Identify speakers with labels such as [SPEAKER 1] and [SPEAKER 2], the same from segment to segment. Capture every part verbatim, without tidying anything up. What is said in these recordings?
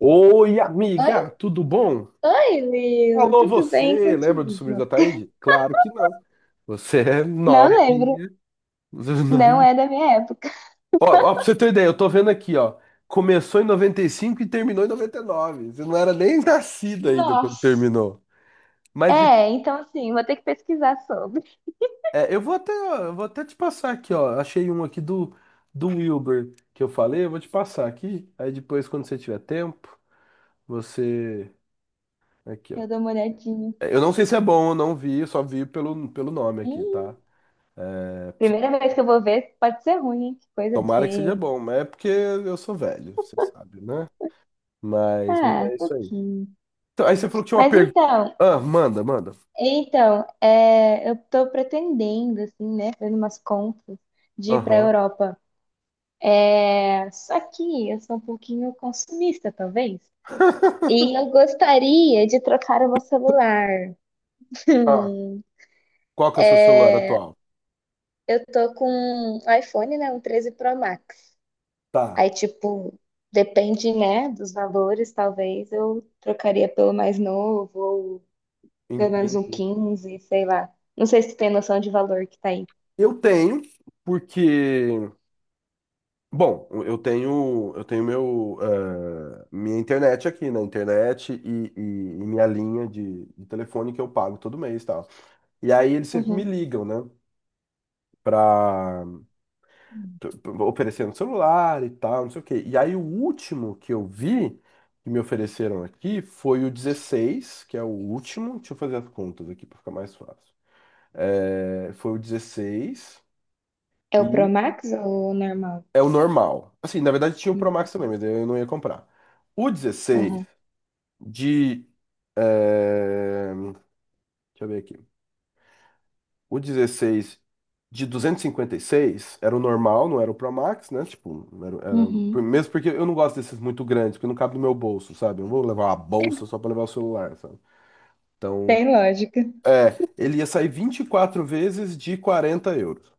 [SPEAKER 1] Oi,
[SPEAKER 2] Oi?
[SPEAKER 1] amiga, tudo bom?
[SPEAKER 2] Oi, Will,
[SPEAKER 1] Alô,
[SPEAKER 2] tudo bem
[SPEAKER 1] você, lembra do sobrinho
[SPEAKER 2] contigo?
[SPEAKER 1] da Taíde? Claro que não. Você é
[SPEAKER 2] Não lembro,
[SPEAKER 1] novinha.
[SPEAKER 2] não é da minha época.
[SPEAKER 1] Ó, ó, pra você ter ideia, eu tô vendo aqui, ó. Começou em noventa e cinco e terminou em noventa e nove. Você não era nem nascida ainda quando
[SPEAKER 2] Nossa,
[SPEAKER 1] terminou. Mas de-
[SPEAKER 2] é, então assim, vou ter que pesquisar sobre.
[SPEAKER 1] é, eu vou até, eu vou até te passar aqui, ó. Achei um aqui do, do Wilber que eu falei, eu vou te passar aqui. Aí depois, quando você tiver tempo, você. Aqui, ó.
[SPEAKER 2] Eu dou uma olhadinha.
[SPEAKER 1] É, Eu não sei se é bom, eu não vi, eu só vi pelo, pelo nome aqui,
[SPEAKER 2] Hum,
[SPEAKER 1] tá? É,
[SPEAKER 2] primeira vez que eu vou ver, pode ser ruim, hein? Que coisa
[SPEAKER 1] Tomara que
[SPEAKER 2] feia.
[SPEAKER 1] seja bom, mas é porque eu sou velho, você sabe, né? Mas, mas
[SPEAKER 2] Ah, um
[SPEAKER 1] é isso aí.
[SPEAKER 2] pouquinho.
[SPEAKER 1] Então, aí você falou que tinha uma
[SPEAKER 2] Mas
[SPEAKER 1] pergunta.
[SPEAKER 2] então,
[SPEAKER 1] Ah, manda, manda.
[SPEAKER 2] então, é, eu tô pretendendo, assim, né, fazendo umas contas de ir pra
[SPEAKER 1] Aham.
[SPEAKER 2] Europa. É, só que eu sou um pouquinho consumista, talvez. E eu gostaria de trocar o meu celular.
[SPEAKER 1] Ah,
[SPEAKER 2] Hum.
[SPEAKER 1] qual que é o seu celular atual?
[SPEAKER 2] Eu tô com um iPhone, né? Um treze Pro Max.
[SPEAKER 1] Tá,
[SPEAKER 2] Aí, tipo, depende, né, dos valores, talvez eu trocaria pelo mais novo, ou pelo menos um
[SPEAKER 1] entendi.
[SPEAKER 2] quinze, sei lá. Não sei se tu tem noção de valor que tá aí.
[SPEAKER 1] Eu tenho, porque, bom, eu tenho, eu tenho meu, eh, minha internet aqui, né? Internet e, e- e minha linha de, de telefone que eu pago todo mês e tal. E aí eles sempre me
[SPEAKER 2] Uhum.
[SPEAKER 1] ligam, né? Pra, t- oferecendo celular e tal, não sei o quê. E aí o último que eu vi que me ofereceram aqui foi o dezesseis, que é o último. Deixa eu fazer as contas aqui para ficar mais fácil. É, foi o dezesseis
[SPEAKER 2] É o Pro
[SPEAKER 1] e
[SPEAKER 2] Max ou o normal?
[SPEAKER 1] é o normal. Assim, na verdade tinha o Pro
[SPEAKER 2] Uhum.
[SPEAKER 1] Max também, mas eu não ia comprar. O dezesseis
[SPEAKER 2] Aham.
[SPEAKER 1] de. É, deixa eu ver aqui. O dezesseis de duzentos e e cinquenta e seis era o normal, não era o Pro Max, né? Tipo, era, era-
[SPEAKER 2] Uhum.
[SPEAKER 1] por- mesmo porque eu não gosto desses muito grandes, porque não cabe no meu bolso, sabe? Eu vou levar uma bolsa só pra levar o celular, sabe? Então,
[SPEAKER 2] Tem lógica.
[SPEAKER 1] é, ele ia sair vinte e quatro vezes de quarenta euros.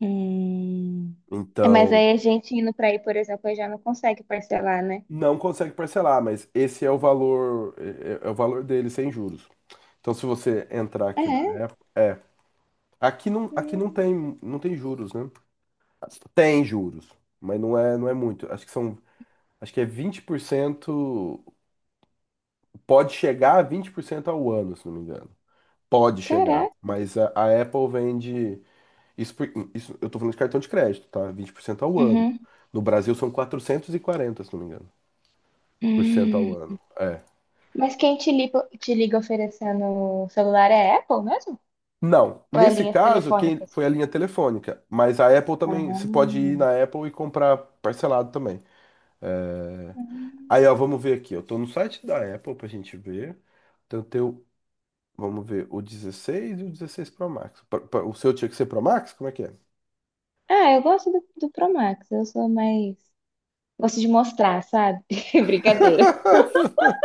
[SPEAKER 2] Hum. É, mas
[SPEAKER 1] Então,
[SPEAKER 2] aí a gente indo pra aí, por exemplo, aí já não consegue parcelar, né?
[SPEAKER 1] não consegue parcelar, mas esse é o valor, é, é é o valor dele sem juros. Então, se você entrar aqui na
[SPEAKER 2] É.
[SPEAKER 1] Apple, é, aqui não, aqui não
[SPEAKER 2] Hum.
[SPEAKER 1] tem, não tem juros, né? Tem juros, mas não é, não é muito. Acho que são Acho que é vinte por cento, pode chegar a vinte por cento ao ano, se não me engano. Pode chegar,
[SPEAKER 2] Caraca.
[SPEAKER 1] mas a, a Apple vende, isso, por- isso- eu tô falando de cartão de crédito, tá? Vinte por cento ao ano.
[SPEAKER 2] Uhum.
[SPEAKER 1] No Brasil são quatrocentos e quarenta, se não me engano, por cento ao
[SPEAKER 2] Hum.
[SPEAKER 1] ano. É.
[SPEAKER 2] Mas quem te liga, te liga oferecendo o celular é a Apple mesmo?
[SPEAKER 1] Não,
[SPEAKER 2] Ou é
[SPEAKER 1] nesse
[SPEAKER 2] linhas
[SPEAKER 1] caso, quem
[SPEAKER 2] telefônicas?
[SPEAKER 1] foi a linha telefônica, mas a Apple também,
[SPEAKER 2] Ah.
[SPEAKER 1] você pode ir na Apple e comprar parcelado também. É,
[SPEAKER 2] Hum.
[SPEAKER 1] aí, ó, vamos ver aqui, eu tô no site da Apple pra gente ver. Então, tem o Vamos ver, o dezesseis e o dezesseis Pro Max. Pa- pa- O seu tinha que ser Pro Max? Como é que é?
[SPEAKER 2] Ah, eu gosto do, do Pro Max. Eu sou mais. Gosto de mostrar, sabe? Brincadeira.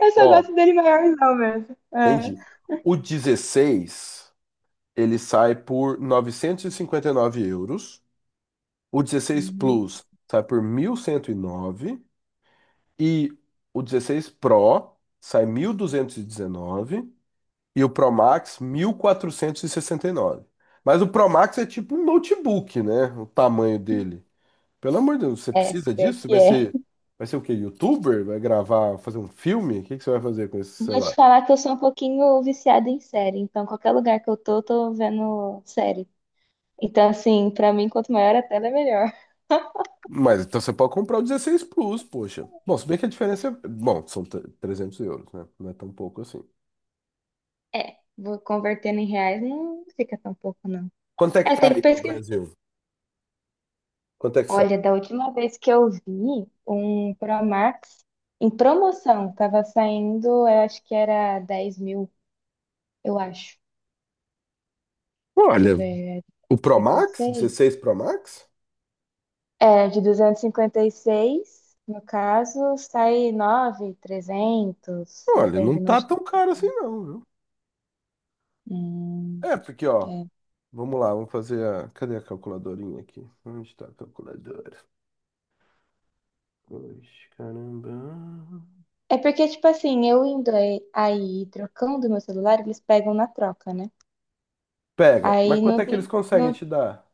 [SPEAKER 2] Eu só
[SPEAKER 1] Ó,
[SPEAKER 2] gosto dele maiorzão mesmo. Ah.
[SPEAKER 1] entendi. O dezesseis, ele sai por novecentos e e cinquenta e nove euros. O dezesseis
[SPEAKER 2] Hum.
[SPEAKER 1] Plus sai por mil cento e nove, e o dezesseis Pro sai mil duzentos e dezenove, e o Pro Max, mil quatrocentos e e sessenta e nove Mas o Pro Max é tipo um notebook, né? O tamanho dele. Pelo amor de Deus, você
[SPEAKER 2] É,
[SPEAKER 1] precisa
[SPEAKER 2] pior
[SPEAKER 1] disso? Você
[SPEAKER 2] que
[SPEAKER 1] Vai
[SPEAKER 2] é.
[SPEAKER 1] ser, vai ser o quê? YouTuber? Vai gravar, fazer um filme? O que que você vai fazer com esse
[SPEAKER 2] Vou te
[SPEAKER 1] celular?
[SPEAKER 2] falar que eu sou um pouquinho viciada em série. Então, qualquer lugar que eu tô, eu tô vendo série. Então, assim, pra mim, quanto maior a tela, é melhor.
[SPEAKER 1] Mas então você pode comprar o dezesseis Plus, poxa. Bom, se bem que a diferença é. Bom, são tre- trezentos euros, né? Não é tão pouco assim.
[SPEAKER 2] É, vou convertendo em reais não fica tão pouco, não.
[SPEAKER 1] Quanto é que
[SPEAKER 2] É,
[SPEAKER 1] tá
[SPEAKER 2] tem
[SPEAKER 1] aí
[SPEAKER 2] que
[SPEAKER 1] no
[SPEAKER 2] pesquisar.
[SPEAKER 1] Brasil? Quanto é que sai?
[SPEAKER 2] Olha, da última vez que eu vi um Pro Max em promoção, tava saindo, eu acho que era dez mil, eu acho. Deixa eu
[SPEAKER 1] Olha,
[SPEAKER 2] ver, é de
[SPEAKER 1] o Pro
[SPEAKER 2] cinquenta e
[SPEAKER 1] Max,
[SPEAKER 2] seis
[SPEAKER 1] dezesseis Pro Max?
[SPEAKER 2] É, de duzentos e cinquenta e seis, no caso, sai nove mil e trezentos,
[SPEAKER 1] Olha, não
[SPEAKER 2] depende de
[SPEAKER 1] tá
[SPEAKER 2] onde. Tu-
[SPEAKER 1] tão caro assim não, viu?
[SPEAKER 2] hum,
[SPEAKER 1] É, porque ó,
[SPEAKER 2] é.
[SPEAKER 1] vamos lá, vamos fazer a... Cadê a calculadorinha aqui? Onde está a calculadora? Poxa, caramba.
[SPEAKER 2] É porque, tipo assim, eu indo aí aí trocando meu celular, eles pegam na troca, né?
[SPEAKER 1] Pega. Mas
[SPEAKER 2] Aí
[SPEAKER 1] quanto
[SPEAKER 2] não
[SPEAKER 1] é que eles
[SPEAKER 2] tem.
[SPEAKER 1] conseguem
[SPEAKER 2] Não.
[SPEAKER 1] te dar?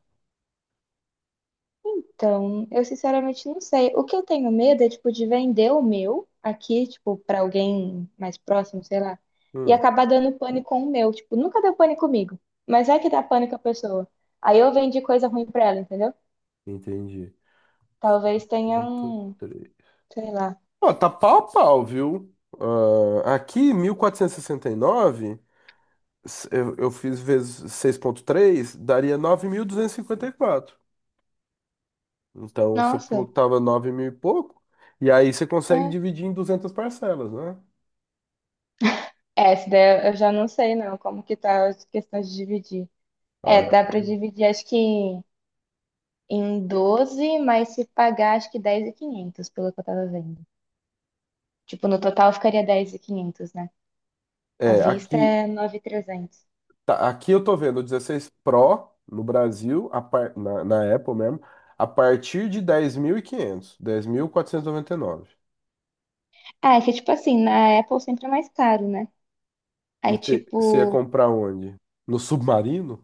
[SPEAKER 2] Então, eu sinceramente não sei. O que eu tenho medo é, tipo, de vender o meu aqui, tipo, pra alguém mais próximo, sei lá, e
[SPEAKER 1] Hum,
[SPEAKER 2] acabar dando pane com o meu. Tipo, nunca deu pane comigo, mas é que dá pane com a pessoa. Aí eu vendi coisa ruim pra ela, entendeu?
[SPEAKER 1] entendi. Seis
[SPEAKER 2] Talvez tenha
[SPEAKER 1] ponto
[SPEAKER 2] um,
[SPEAKER 1] três.
[SPEAKER 2] sei lá.
[SPEAKER 1] Ó, tá pau a pau, viu? Ah, aqui, mil quatrocentos e sessenta e nove, s- eu, eu fiz vezes seis ponto três, daria nove mil duzentos e e cinquenta e quatro Então, você falou
[SPEAKER 2] Nossa,
[SPEAKER 1] que tava nove mil e pouco, e aí você consegue
[SPEAKER 2] é.
[SPEAKER 1] dividir em duzentas parcelas, né?
[SPEAKER 2] É, essa daí eu já não sei, não, como que tá as questões de dividir.
[SPEAKER 1] Ó,
[SPEAKER 2] É,
[SPEAKER 1] É,
[SPEAKER 2] dá pra dividir, acho que em doze, mas se pagar, acho que dez mil e quinhentos, pelo que eu tava vendo. Tipo, no total ficaria dez mil e quinhentos, né? À
[SPEAKER 1] É,
[SPEAKER 2] vista
[SPEAKER 1] aqui,
[SPEAKER 2] é nove mil e trezentos.
[SPEAKER 1] Tá, aqui eu tô vendo o dezesseis Pro no Brasil, a par- na, na Apple mesmo, a partir de dez dez mil mil e quinhentos dez mil quatrocentos dez mil e quinhentos, dez mil quatrocentos e noventa e nove.
[SPEAKER 2] Ah, é que tipo assim, na Apple sempre é mais caro, né? Aí
[SPEAKER 1] Você você ia
[SPEAKER 2] tipo,
[SPEAKER 1] comprar onde? No submarino?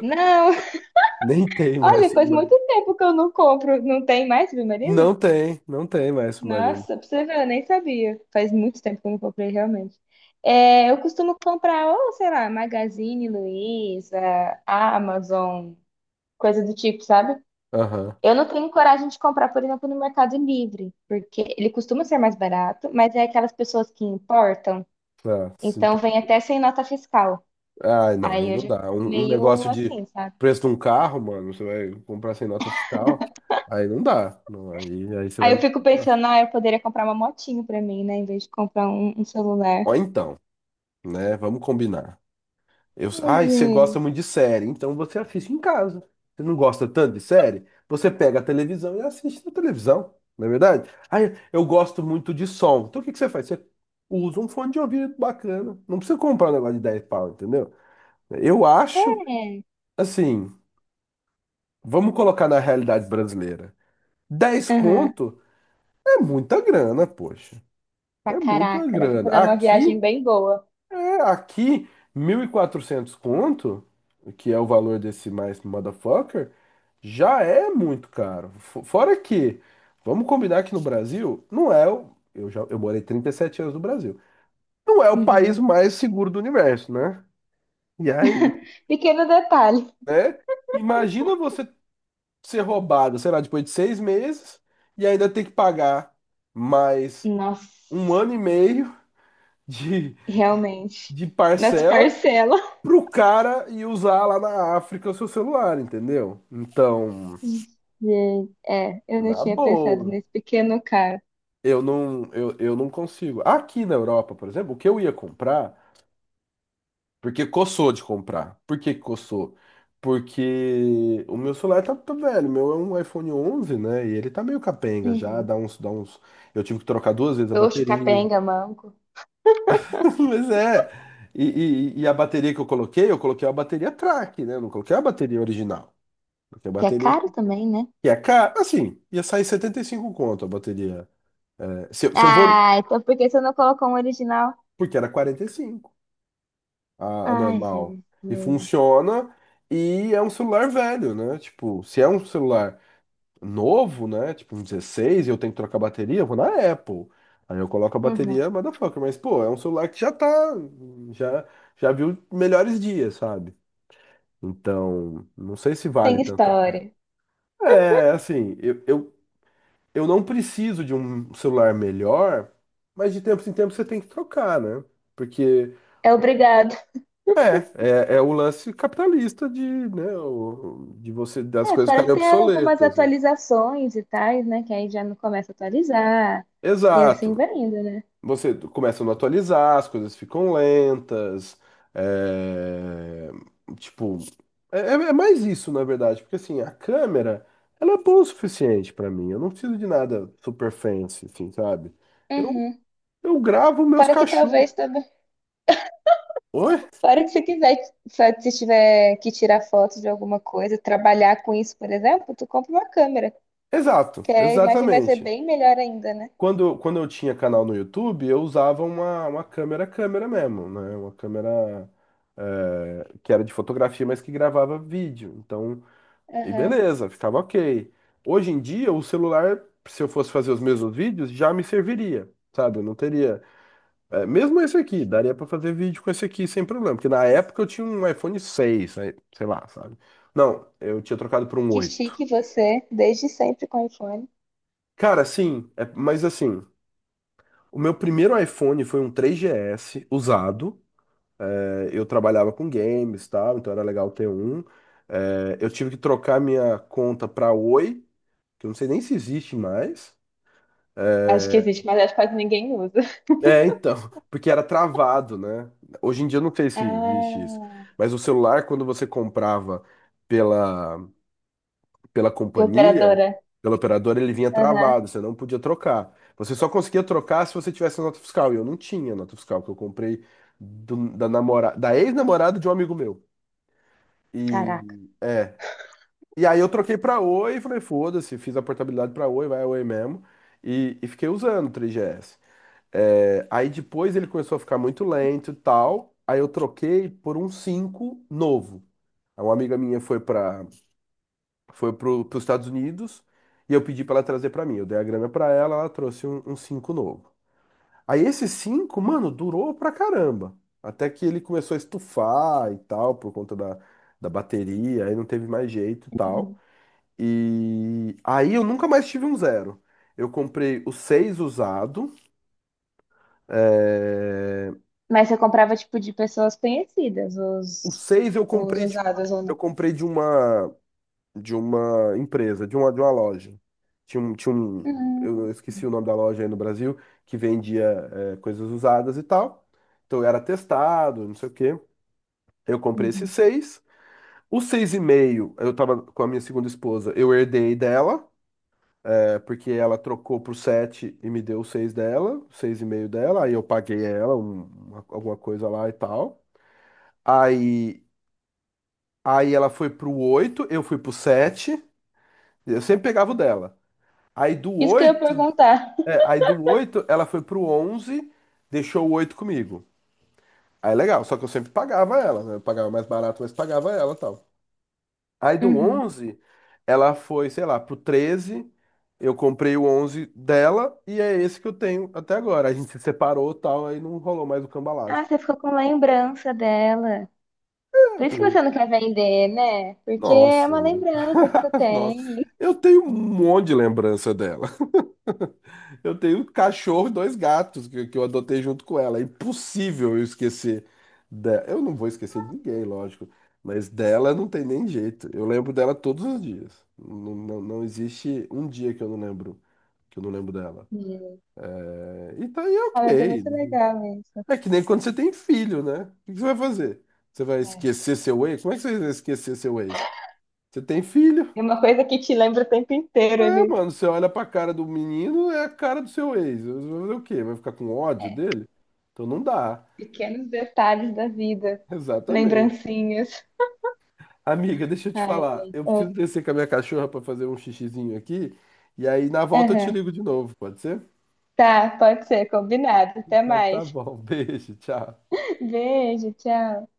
[SPEAKER 2] não.
[SPEAKER 1] Nem tem mais
[SPEAKER 2] Olha, faz
[SPEAKER 1] submarino.
[SPEAKER 2] muito tempo que eu não compro, não tem mais submarino?
[SPEAKER 1] Não tem, não tem mais submarino.
[SPEAKER 2] Nossa, pra você ver, eu nem sabia. Faz muito tempo que eu não comprei realmente. É, eu costumo comprar, ou sei lá, Magazine Luiza, Amazon, coisa do tipo, sabe?
[SPEAKER 1] Aham.
[SPEAKER 2] Eu não tenho coragem de comprar, por exemplo, no Mercado Livre, porque ele costuma ser mais barato, mas é aquelas pessoas que importam,
[SPEAKER 1] Ah, sim.
[SPEAKER 2] então vem até sem nota fiscal.
[SPEAKER 1] Ai, não,
[SPEAKER 2] Aí
[SPEAKER 1] aí
[SPEAKER 2] eu
[SPEAKER 1] não
[SPEAKER 2] já
[SPEAKER 1] dá.
[SPEAKER 2] fico
[SPEAKER 1] Um, um
[SPEAKER 2] meio
[SPEAKER 1] negócio de
[SPEAKER 2] assim, sabe?
[SPEAKER 1] preço de um carro, mano, você vai comprar sem nota fiscal, aí não dá. Não, aí, aí você
[SPEAKER 2] Aí
[SPEAKER 1] vai me
[SPEAKER 2] eu fico
[SPEAKER 1] desculpar.
[SPEAKER 2] pensando, ah, eu poderia comprar uma motinho pra mim, né, em vez de comprar um, um celular.
[SPEAKER 1] Ó, então, né? Vamos combinar. Eu,
[SPEAKER 2] Ai,
[SPEAKER 1] ai, você gosta
[SPEAKER 2] gente.
[SPEAKER 1] muito de série, então você assiste em casa. Você não gosta tanto de série? Você pega a televisão e assiste na televisão, não é verdade? Ai, eu gosto muito de som. Então o que que você faz? Você usa um fone de ouvido bacana. Não precisa comprar um negócio de dez pau, entendeu? Eu acho,
[SPEAKER 2] É.
[SPEAKER 1] assim, vamos colocar na realidade brasileira. Dez
[SPEAKER 2] Aham.
[SPEAKER 1] conto é muita grana, poxa.
[SPEAKER 2] Pra
[SPEAKER 1] É muita
[SPEAKER 2] caraca, dá pra
[SPEAKER 1] grana.
[SPEAKER 2] fazer uma viagem
[SPEAKER 1] Aqui,
[SPEAKER 2] bem boa.
[SPEAKER 1] Tá, Aqui, mil e quatrocentos conto, que é o valor desse mais motherfucker, já é muito caro. Fo- Fora que, vamos combinar que no Brasil, não é o. Eu já, eu morei trinta e sete anos no Brasil. Não é o
[SPEAKER 2] Uhum.
[SPEAKER 1] país mais seguro do universo, né? E aí,
[SPEAKER 2] Pequeno detalhe.
[SPEAKER 1] né? Imagina você ser roubado, sei lá, depois de seis meses, e ainda ter que pagar mais um
[SPEAKER 2] Nossa,
[SPEAKER 1] ano e meio de,
[SPEAKER 2] realmente.
[SPEAKER 1] de
[SPEAKER 2] Nas
[SPEAKER 1] parcela
[SPEAKER 2] parcelas.
[SPEAKER 1] pro cara e usar lá na África o seu celular, entendeu? Então,
[SPEAKER 2] Gente, é, eu não
[SPEAKER 1] na
[SPEAKER 2] tinha pensado
[SPEAKER 1] boa,
[SPEAKER 2] nesse pequeno cara.
[SPEAKER 1] eu não, eu, eu não consigo. Aqui na Europa, por exemplo, o que eu ia comprar, porque coçou de comprar. Por que que coçou? Porque o meu celular tá, tá velho, o meu é um iPhone onze, né? E ele tá meio capenga já,
[SPEAKER 2] Uhum.
[SPEAKER 1] dá uns, dá uns. Eu tive que trocar duas vezes a
[SPEAKER 2] Xoxo,
[SPEAKER 1] bateria.
[SPEAKER 2] capenga, manco.
[SPEAKER 1] Mas é. E, e, e a bateria que eu coloquei, eu coloquei a bateria track, né? Não coloquei a bateria original. Coloquei a
[SPEAKER 2] Que é
[SPEAKER 1] bateria
[SPEAKER 2] caro também, né?
[SPEAKER 1] Que é caro, assim, ia sair setenta e cinco conto a bateria. É, se, eu se eu vou.
[SPEAKER 2] Ah, então por que você não colocou um original?
[SPEAKER 1] Porque era quarenta e cinco a, a
[SPEAKER 2] Ai,
[SPEAKER 1] normal.
[SPEAKER 2] Jesus.
[SPEAKER 1] E funciona. E é um celular velho, né? Tipo, se é um celular novo, né? Tipo, um dezesseis, e eu tenho que trocar a bateria, eu vou na Apple. Aí eu coloco a
[SPEAKER 2] Uhum.
[SPEAKER 1] bateria, motherfucker. Mas, pô, é um celular que já tá. Já, já viu melhores dias, sabe? Então, não sei se
[SPEAKER 2] Tem
[SPEAKER 1] vale tanto a pena.
[SPEAKER 2] história.
[SPEAKER 1] É, assim, eu, eu eu não preciso de um celular melhor, mas de tempos em tempos você tem que trocar, né? Porque
[SPEAKER 2] É obrigado.
[SPEAKER 1] é, é o lance capitalista de, né, o- de você das
[SPEAKER 2] É,
[SPEAKER 1] coisas
[SPEAKER 2] para
[SPEAKER 1] ficarem
[SPEAKER 2] ter algumas
[SPEAKER 1] obsoletas, né?
[SPEAKER 2] atualizações e tais, né? Que aí já não começa a atualizar. E assim
[SPEAKER 1] Exato.
[SPEAKER 2] vai indo, né?
[SPEAKER 1] Você começa a não atualizar, as coisas ficam lentas. é, tipo, é, é é mais isso, na verdade, porque assim, a câmera, ela é boa o suficiente pra mim. Eu não preciso de nada super fancy, assim, sabe? Eu,
[SPEAKER 2] Uhum.
[SPEAKER 1] eu gravo meus
[SPEAKER 2] Para que
[SPEAKER 1] cachorros.
[SPEAKER 2] talvez também.
[SPEAKER 1] Oi?
[SPEAKER 2] Para que se quiser, só se tiver que tirar foto de alguma coisa, trabalhar com isso, por exemplo, tu compra uma câmera.
[SPEAKER 1] Exato,
[SPEAKER 2] Que a imagem vai ser
[SPEAKER 1] exatamente.
[SPEAKER 2] bem melhor ainda, né?
[SPEAKER 1] Quando, quando eu tinha canal no YouTube, eu usava uma, uma câmera câmera mesmo, né? Uma câmera, é, que era de fotografia, mas que gravava vídeo. Então, e
[SPEAKER 2] Aham.
[SPEAKER 1] beleza, ficava ok. Hoje em dia, o celular, se eu fosse fazer os mesmos vídeos, já me serviria, sabe? Eu não teria. É, mesmo esse aqui, daria pra fazer vídeo com esse aqui sem problema. Porque na época eu tinha um iPhone seis aí, sei lá, sabe? Não, eu tinha trocado por um
[SPEAKER 2] Que
[SPEAKER 1] oito.
[SPEAKER 2] chique você, desde sempre com iPhone.
[SPEAKER 1] Cara, sim, é- mas assim. O meu primeiro iPhone foi um três G S usado. É, eu trabalhava com games, tal, então era legal ter um. É, eu tive que trocar minha conta para Oi, que eu não sei nem se existe mais. É,
[SPEAKER 2] Acho que existe, mas acho que quase ninguém usa.
[SPEAKER 1] é, então, porque era travado, né? Hoje em dia eu não sei se existe isso.
[SPEAKER 2] Ah.
[SPEAKER 1] Mas o celular, quando você comprava pela pela
[SPEAKER 2] De
[SPEAKER 1] companhia,
[SPEAKER 2] operadora.
[SPEAKER 1] pela operadora, ele vinha
[SPEAKER 2] Aham.
[SPEAKER 1] travado, você não podia trocar. Você só conseguia trocar se você tivesse a nota fiscal. E eu não tinha nota fiscal, que eu comprei do- da namora, da ex-namorada de um amigo meu. E,
[SPEAKER 2] Caraca.
[SPEAKER 1] e aí eu troquei pra Oi e falei, foda-se, fiz a portabilidade pra Oi, vai a Oi mesmo. E, e fiquei usando o três G S. É, aí depois ele começou a ficar muito lento e tal. Aí eu troquei por um cinco novo. Aí uma amiga minha foi pra, foi pro, pros Estados Unidos, e eu pedi pra ela trazer pra mim. Eu dei a grana pra ela, ela trouxe um, um cinco novo. Aí esse cinco, mano, durou pra caramba. Até que ele começou a estufar e tal, por conta da, da bateria, aí não teve mais jeito e tal.
[SPEAKER 2] Uhum.
[SPEAKER 1] E aí eu nunca mais tive um zero. Eu comprei o seis usado. é,
[SPEAKER 2] Mas você comprava, tipo, de pessoas conhecidas,
[SPEAKER 1] O
[SPEAKER 2] os,
[SPEAKER 1] seis eu
[SPEAKER 2] os
[SPEAKER 1] comprei de,
[SPEAKER 2] usados ou
[SPEAKER 1] eu
[SPEAKER 2] não.
[SPEAKER 1] comprei de uma. De uma empresa, de uma, de uma loja. Tinha um, tinha um,
[SPEAKER 2] Hum,
[SPEAKER 1] eu esqueci o nome da loja aí no Brasil, que vendia eh, coisas usadas e tal. Então eu era testado, não sei o quê. Eu comprei esses
[SPEAKER 2] uhum.
[SPEAKER 1] seis. Os seis e meio, eu tava com a minha segunda esposa, eu herdei dela, é porque ela trocou pro sete e me deu os seis dela, os seis e meio dela, aí eu paguei ela um- uma- alguma coisa lá e tal. Aí, aí ela foi pro oito, eu fui pro sete, eu sempre pegava o dela. Aí do
[SPEAKER 2] Isso que eu ia
[SPEAKER 1] oito
[SPEAKER 2] perguntar.
[SPEAKER 1] É, aí do oito, ela foi pro onze, deixou o oito comigo. Aí é legal, só que eu sempre pagava ela, né? Eu pagava mais barato, mas pagava ela e tal. Aí do
[SPEAKER 2] Uhum.
[SPEAKER 1] onze, ela foi, sei lá, pro treze. Eu comprei o onze dela, e é esse que eu tenho até agora. A gente se separou e tal, aí não rolou mais o
[SPEAKER 2] Ah,
[SPEAKER 1] cambalacho.
[SPEAKER 2] você ficou com lembrança dela. Por isso que você não quer vender, né? Porque é
[SPEAKER 1] Nossa,
[SPEAKER 2] uma lembrança que tu
[SPEAKER 1] nossa.
[SPEAKER 2] tem.
[SPEAKER 1] Eu tenho um monte de lembrança dela. Eu tenho um cachorro e dois gatos que, que eu adotei junto com ela. É impossível eu esquecer dela. Eu não vou esquecer de ninguém, lógico. Mas dela não tem nem jeito. Eu lembro dela todos os dias. Não, não, não existe um dia que eu não lembro, que eu não lembro dela.
[SPEAKER 2] Hum.
[SPEAKER 1] É, e tá aí
[SPEAKER 2] Ah, mas é
[SPEAKER 1] ok.
[SPEAKER 2] muito legal isso.
[SPEAKER 1] É que nem quando você tem filho, né? O que você vai fazer? Você vai esquecer seu ex? Como é que você vai esquecer seu ex? Você tem filho?
[SPEAKER 2] É uma coisa que te lembra o tempo inteiro
[SPEAKER 1] É,
[SPEAKER 2] ali.
[SPEAKER 1] mano, você olha pra cara do menino, é a cara do seu ex. Você vai fazer o quê? Vai ficar com ódio
[SPEAKER 2] É.
[SPEAKER 1] dele? Então não dá.
[SPEAKER 2] Pequenos detalhes da vida.
[SPEAKER 1] Exatamente.
[SPEAKER 2] Lembrancinhas.
[SPEAKER 1] Amiga, deixa eu te
[SPEAKER 2] Ai,
[SPEAKER 1] falar.
[SPEAKER 2] gente.
[SPEAKER 1] Eu preciso
[SPEAKER 2] É.
[SPEAKER 1] descer com a minha cachorra pra fazer um xixizinho aqui. E aí, na volta, eu te
[SPEAKER 2] Aham.
[SPEAKER 1] ligo de novo, pode ser?
[SPEAKER 2] Tá, pode ser, combinado. Até
[SPEAKER 1] Então tá
[SPEAKER 2] mais.
[SPEAKER 1] bom. Beijo, tchau.
[SPEAKER 2] Beijo, tchau.